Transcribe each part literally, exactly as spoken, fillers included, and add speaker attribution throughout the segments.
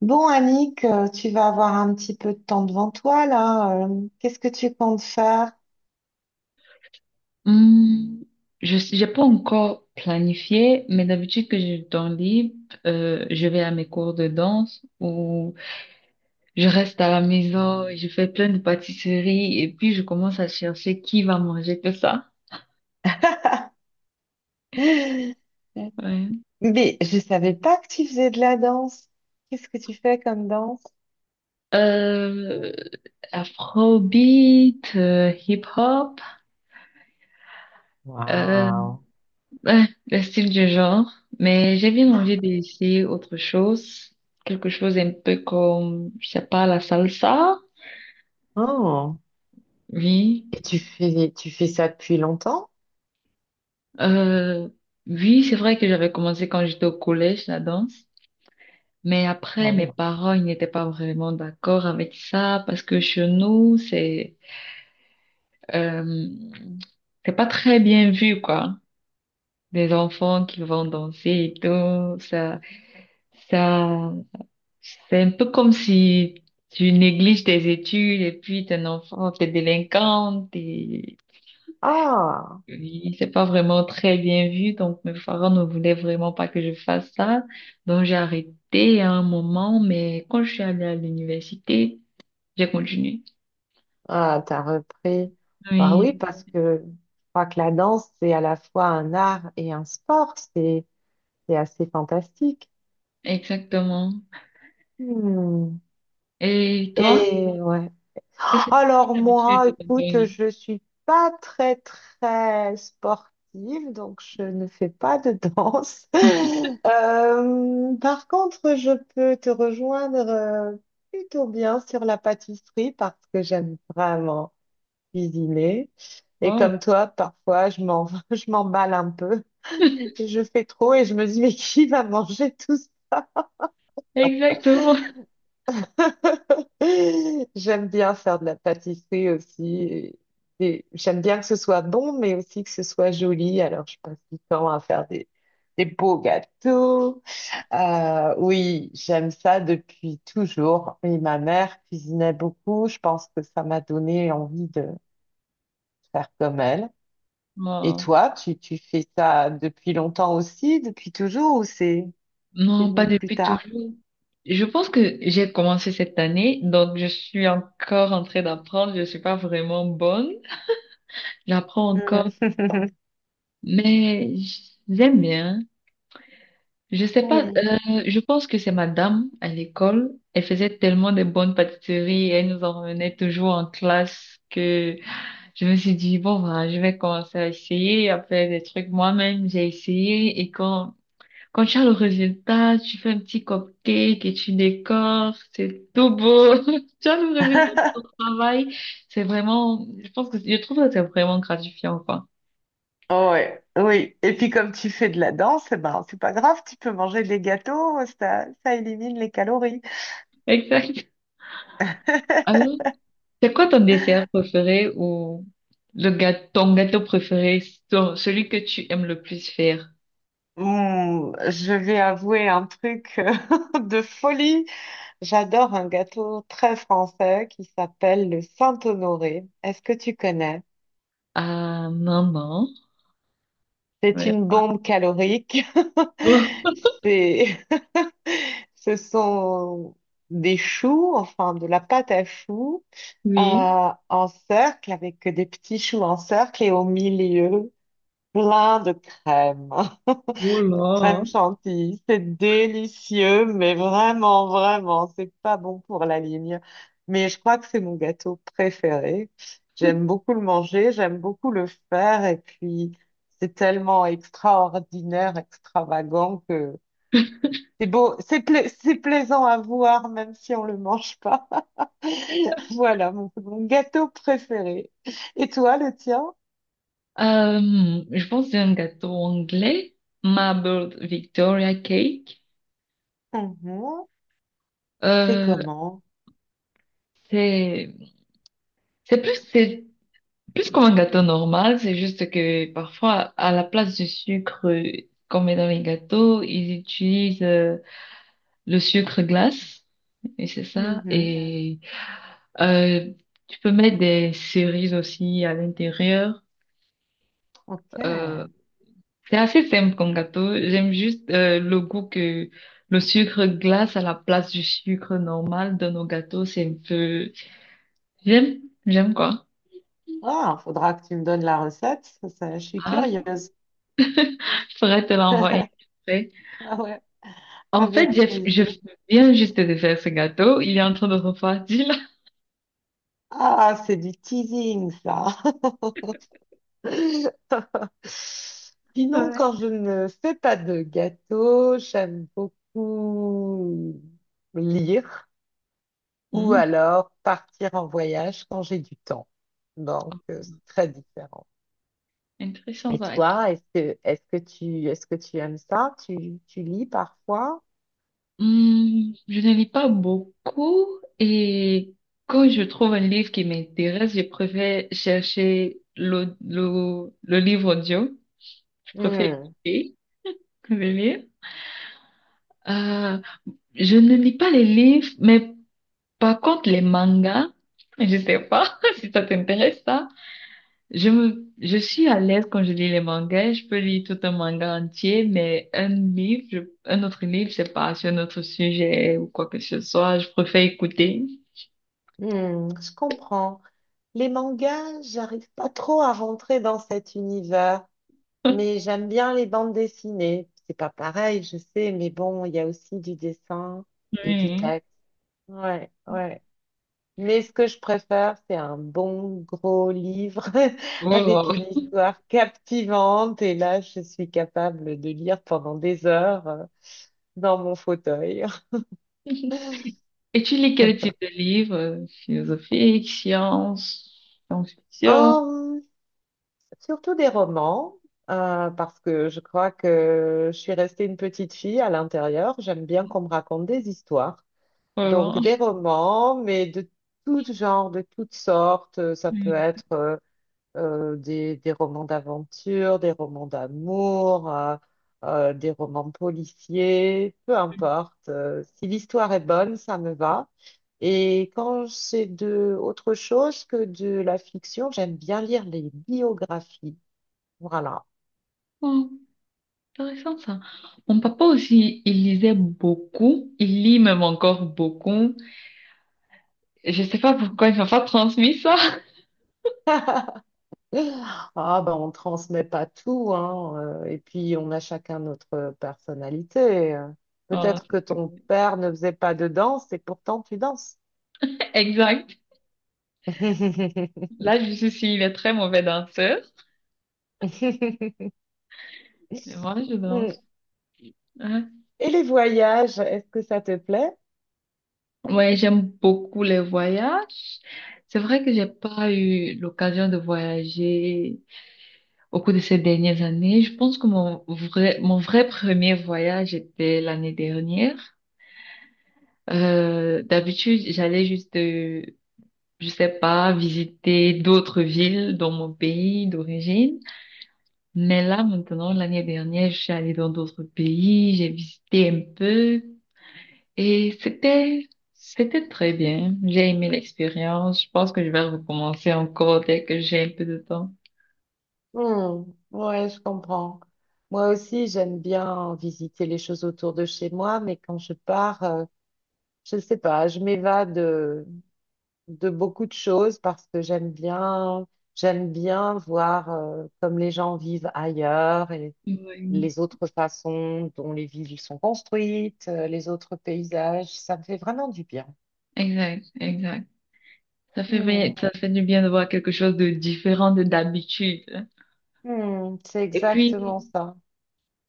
Speaker 1: Bon, Annick, euh, tu vas avoir un petit peu de temps devant toi là. euh, Qu'est-ce que tu comptes faire?
Speaker 2: Hmm. Je n'ai pas encore planifié, mais d'habitude que j'ai du temps libre, euh, je vais à mes cours de danse ou je reste à la maison, je fais plein de pâtisseries et puis je commence à chercher qui va manger tout ça. Ouais.
Speaker 1: Mais je savais pas que tu faisais de la danse. Qu'est-ce que tu fais comme danse?
Speaker 2: Euh, afrobeat, euh, hip-hop, euh,
Speaker 1: Waouh.
Speaker 2: ouais, le style du genre. Mais j'ai bien envie d'essayer autre chose, quelque chose un peu comme, je sais pas, la salsa.
Speaker 1: Oh.
Speaker 2: Oui.
Speaker 1: Et tu fais tu fais ça depuis longtemps?
Speaker 2: Euh, oui, c'est vrai que j'avais commencé quand j'étais au collège, la danse. Mais après,
Speaker 1: Ah
Speaker 2: mes
Speaker 1: oui.
Speaker 2: parents, ils n'étaient pas vraiment d'accord avec ça parce que chez nous, c'est, euh, c'est pas très bien vu, quoi. Des enfants qui vont danser et tout, ça, ça, c'est un peu comme si tu négliges tes études et puis t'es un enfant, t'es délinquante.
Speaker 1: Ah,
Speaker 2: Oui, c'est pas vraiment très bien vu, donc mes parents ne voulaient vraiment pas que je fasse ça. Donc j'ai arrêté à un moment, mais quand je suis allée à l'université, j'ai continué.
Speaker 1: ah, t'as repris. Bah
Speaker 2: Oui,
Speaker 1: oui, parce que je crois que la danse, c'est à la fois un art et un sport. C'est c'est assez fantastique.
Speaker 2: exactement.
Speaker 1: Hmm.
Speaker 2: Et toi,
Speaker 1: Et ouais.
Speaker 2: qu'est-ce que tu
Speaker 1: Alors
Speaker 2: as l'habitude
Speaker 1: moi,
Speaker 2: de ton
Speaker 1: écoute,
Speaker 2: pays?
Speaker 1: je suis pas très très sportive, donc je ne fais pas de danse. Euh, par contre, je peux te rejoindre euh, plutôt bien sur la pâtisserie parce que j'aime vraiment cuisiner. Et comme
Speaker 2: Oh,
Speaker 1: toi, parfois, je m'en, je m'emballe un peu. Je fais trop et je me dis, mais qui va manger tout.
Speaker 2: exactement.
Speaker 1: J'aime bien faire de la pâtisserie aussi. et- et j'aime bien que ce soit bon, mais aussi que ce soit joli. Alors, je passe du temps à faire des, des beaux gâteaux. Euh, oui, j'aime ça depuis toujours. Et ma mère cuisinait beaucoup. Je pense que ça m'a donné envie de faire comme elle. Et
Speaker 2: Non,
Speaker 1: toi, tu, tu fais ça depuis longtemps aussi, depuis toujours, ou c'est c'est
Speaker 2: non, pas
Speaker 1: venu plus
Speaker 2: depuis
Speaker 1: tard?
Speaker 2: toujours. Je pense que j'ai commencé cette année, donc je suis encore en train d'apprendre. Je suis pas vraiment bonne. J'apprends encore,
Speaker 1: Mhm.
Speaker 2: mais j'aime bien. Je sais pas,
Speaker 1: Oui.
Speaker 2: euh, je pense que c'est madame à l'école. Elle faisait tellement de bonnes pâtisseries et elle nous en revenait toujours en classe que je me suis dit, bon, voilà, je vais commencer à essayer, à faire des trucs moi-même. J'ai essayé et quand, quand tu as le résultat, tu fais un petit cupcake et tu décores, c'est tout beau. Tu as le résultat de ton travail. C'est vraiment, je pense que, je trouve que c'est vraiment gratifiant, quoi.
Speaker 1: Oh, ouais, oui. Et puis comme tu fais de la danse, eh ben, c'est pas grave, tu peux manger des gâteaux, ça, ça élimine les calories.
Speaker 2: Exact. Alors, c'est quoi ton dessert préféré ou le gâteau, ton gâteau préféré, ton- celui que tu aimes le plus faire?
Speaker 1: Hmm, je vais avouer un truc de folie. J'adore un gâteau très français qui s'appelle le Saint-Honoré. Est-ce que tu connais?
Speaker 2: Ah, maman.
Speaker 1: C'est
Speaker 2: Ouais.
Speaker 1: une bombe calorique.
Speaker 2: Oh,
Speaker 1: C'est Ce sont des choux, enfin de la pâte à choux,
Speaker 2: oui.
Speaker 1: euh, en cercle, avec des petits choux en cercle et au milieu, plein de crème.
Speaker 2: Oh là.
Speaker 1: Crème chantilly, c'est délicieux, mais vraiment, vraiment, c'est pas bon pour la ligne. Mais je crois que c'est mon gâteau préféré. J'aime beaucoup le manger, j'aime beaucoup le faire, et puis c'est tellement extraordinaire, extravagant, c'est beau, c'est pla- c'est plaisant à voir, même si on le mange pas. Voilà mon, mon gâteau préféré. Et toi, le tien?
Speaker 2: Euh, je pense que c'est un gâteau anglais, Marbled Victoria Cake.
Speaker 1: Mhm. C'est
Speaker 2: Euh,
Speaker 1: comment?
Speaker 2: c'est, c'est plus, c'est plus comme un gâteau normal, c'est juste que parfois, à la place du sucre qu'on met dans les gâteaux, ils utilisent euh, le sucre glace. Et c'est ça.
Speaker 1: Mhm.
Speaker 2: Et euh, tu peux mettre des cerises aussi à l'intérieur.
Speaker 1: Ok.
Speaker 2: Euh, c'est assez simple comme gâteau. J'aime juste euh, le goût que le sucre glace à la place du sucre normal dans nos gâteaux. C'est un peu... J'aime, j'aime quoi.
Speaker 1: Ah, faudra que tu me donnes la recette. Ça, ça, je suis
Speaker 2: Ah,
Speaker 1: curieuse.
Speaker 2: je pourrais te l'envoyer après.
Speaker 1: Ah ouais,
Speaker 2: En fait,
Speaker 1: avec
Speaker 2: j'ai- je
Speaker 1: plaisir.
Speaker 2: viens juste de faire ce gâteau. Il est en train de refroidir là.
Speaker 1: Ah, c'est du teasing, ça. Sinon,
Speaker 2: Ouais.
Speaker 1: quand je ne fais pas de gâteau, j'aime beaucoup lire. Ou
Speaker 2: Hmm.
Speaker 1: alors partir en voyage quand j'ai du temps. Donc, euh, c'est très différent.
Speaker 2: Intéressant
Speaker 1: Et
Speaker 2: ça.
Speaker 1: toi, est-ce que, est-ce que tu, est-ce que tu aimes ça? Tu, tu lis parfois?
Speaker 2: Hmm. Je ne lis pas beaucoup et quand je trouve un livre qui m'intéresse, je préfère chercher le, le, le livre audio. Je préfère
Speaker 1: Hmm,
Speaker 2: écouter que de lire. Euh, je ne lis pas les livres, mais par contre les mangas, je sais pas si ça t'intéresse ça. Je me, je suis à l'aise quand je lis les mangas. Je peux lire tout un manga entier, mais un livre, je- un autre livre, c'est pas sur un autre sujet ou quoi que ce soit. Je préfère écouter.
Speaker 1: hmm, je comprends. Les mangas, j'arrive pas trop à rentrer dans cet univers, mais j'aime bien les bandes dessinées. C'est pas pareil, je sais, mais bon, il y a aussi du dessin et du
Speaker 2: Oui.
Speaker 1: texte. Ouais, ouais. Mais ce que je préfère, c'est un bon gros livre avec
Speaker 2: Oh.
Speaker 1: une histoire captivante. Et là, je suis capable de lire pendant des heures euh, dans mon fauteuil.
Speaker 2: Et tu lis quel type de livre? Philosophique, science, science-fiction?
Speaker 1: Hum, Surtout des romans, euh, parce que je crois que je suis restée une petite fille à l'intérieur. J'aime bien qu'on me raconte des histoires. Donc
Speaker 2: Voilà.
Speaker 1: des romans, mais de tout genre, de toutes sortes. Ça peut
Speaker 2: Oui.
Speaker 1: être euh, euh, des, des romans d'aventure, des romans d'amour, euh, euh, des romans policiers, peu importe. Euh, si l'histoire est bonne, ça me va. Et quand c'est de autre chose que de la fiction, j'aime bien lire les biographies. Voilà.
Speaker 2: Oh, intéressant ça. Mon papa aussi, il lisait beaucoup. Il lit même encore beaucoup. Je sais pas pourquoi il m'a pas transmis ça.
Speaker 1: Ah ben on transmet pas tout, hein. euh, Et puis on a chacun notre personnalité. euh.
Speaker 2: Voilà.
Speaker 1: Peut-être que ton père ne faisait pas de danse et pourtant tu danses.
Speaker 2: Exact. Là, je suis s'il est très mauvais danseur. Mais moi, je
Speaker 1: Mm.
Speaker 2: danse. Ouais,
Speaker 1: Et les voyages, est-ce que ça te plaît?
Speaker 2: ouais, j'aime beaucoup les voyages. C'est vrai que j'ai pas eu l'occasion de voyager au cours de ces dernières années. Je pense que mon vrai, mon vrai premier voyage était l'année dernière. Euh, d'habitude, j'allais juste, euh, je sais pas, visiter d'autres villes dans mon pays d'origine. Mais là, maintenant, l'année dernière, je suis allée dans d'autres pays, j'ai visité un peu et c'était, c'était très bien. J'ai aimé l'expérience. Je pense que je vais recommencer encore dès que j'ai un peu de temps.
Speaker 1: Hmm, ouais, je comprends. Moi aussi, j'aime bien visiter les choses autour de chez moi, mais quand je pars, euh, je ne sais pas, je m'évade, euh, de beaucoup de choses parce que j'aime bien, j'aime bien voir euh, comme les gens vivent ailleurs et
Speaker 2: Oui,
Speaker 1: les autres façons dont les villes sont construites, euh, les autres paysages. Ça me fait vraiment du bien.
Speaker 2: exact, exact. Ça fait, bien-
Speaker 1: Hmm,
Speaker 2: ça fait du bien de voir quelque chose de différent de d'habitude.
Speaker 1: hmm, c'est
Speaker 2: Et puis,
Speaker 1: exactement ça.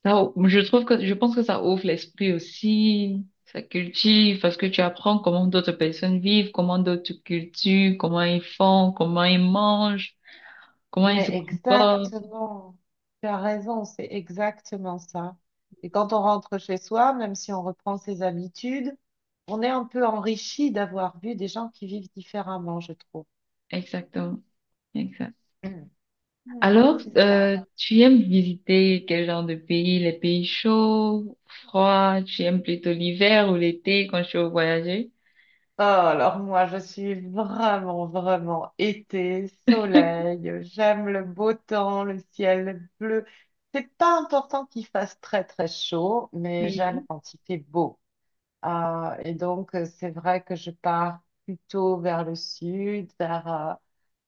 Speaker 2: ça, ou- je trouve que, je pense que ça ouvre l'esprit aussi, ça cultive, parce que tu apprends comment d'autres personnes vivent, comment d'autres cultures, comment ils font, comment ils mangent, comment ils se
Speaker 1: Mais
Speaker 2: comportent.
Speaker 1: exactement, tu as raison, c'est exactement ça. Et quand on rentre chez soi, même si on reprend ses habitudes, on est un peu enrichi d'avoir vu des gens qui vivent différemment, je trouve.
Speaker 2: Exactement, exact.
Speaker 1: Hmm,
Speaker 2: Alors,
Speaker 1: c'est
Speaker 2: euh,
Speaker 1: ça.
Speaker 2: tu aimes visiter quel genre de pays? Les pays chauds, froids? Tu aimes plutôt l'hiver ou l'été quand tu veux voyager?
Speaker 1: Oh, alors moi, je suis vraiment, vraiment été, soleil, j'aime le beau temps, le ciel bleu. C'est pas important qu'il fasse très, très chaud, mais j'aime
Speaker 2: Oui.
Speaker 1: quand il fait beau. Ah, et donc, euh, c'est vrai que je pars plutôt vers le sud, vers euh,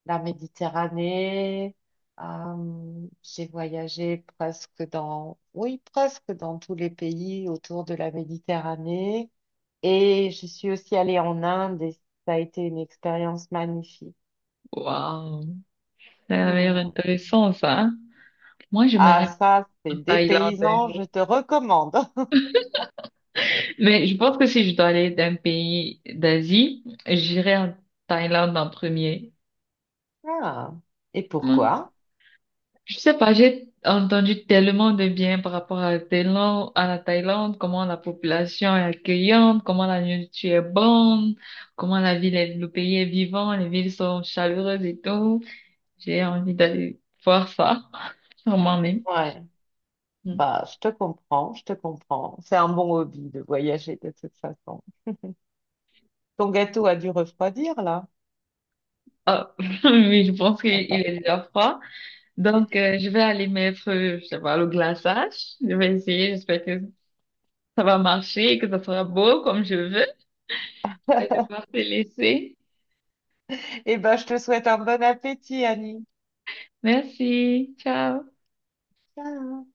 Speaker 1: la Méditerranée. Euh, j'ai voyagé presque dans, oui, presque dans tous les pays autour de la Méditerranée. Et je suis aussi allée en Inde et ça a été une expérience magnifique.
Speaker 2: Waouh. Ça a l'air
Speaker 1: Hmm.
Speaker 2: intéressant, ça, hein. Moi, je me rêve
Speaker 1: Ah, ça, c'est
Speaker 2: en
Speaker 1: des
Speaker 2: Thaïlande un
Speaker 1: paysans,
Speaker 2: jour.
Speaker 1: je te recommande.
Speaker 2: Mais je pense que si je dois aller d'un pays d'Asie, j'irai en Thaïlande en premier.
Speaker 1: Ah. Et
Speaker 2: Ouais.
Speaker 1: pourquoi?
Speaker 2: Je sais pas, j'ai entendu tellement de bien par rapport à la Thaïlande, à la Thaïlande, comment la population est accueillante, comment la nourriture est bonne, comment la ville est, le pays est vivant, les villes sont chaleureuses et tout. J'ai envie d'aller voir ça, sûrement même.
Speaker 1: Ouais.
Speaker 2: Hmm.
Speaker 1: Bah, je te comprends, je te comprends. C'est un bon hobby de voyager de toute façon. Ton gâteau a dû refroidir là.
Speaker 2: Ah, oui, je pense qu'il est déjà froid. Donc, euh, je vais aller mettre, euh, je sais pas, le glaçage. Je vais essayer. J'espère que ça va marcher et que ça sera beau comme je veux. Je vais devoir te laisser.
Speaker 1: Eh ben, je te souhaite un bon appétit, Annie.
Speaker 2: Merci. Ciao.
Speaker 1: Ciao.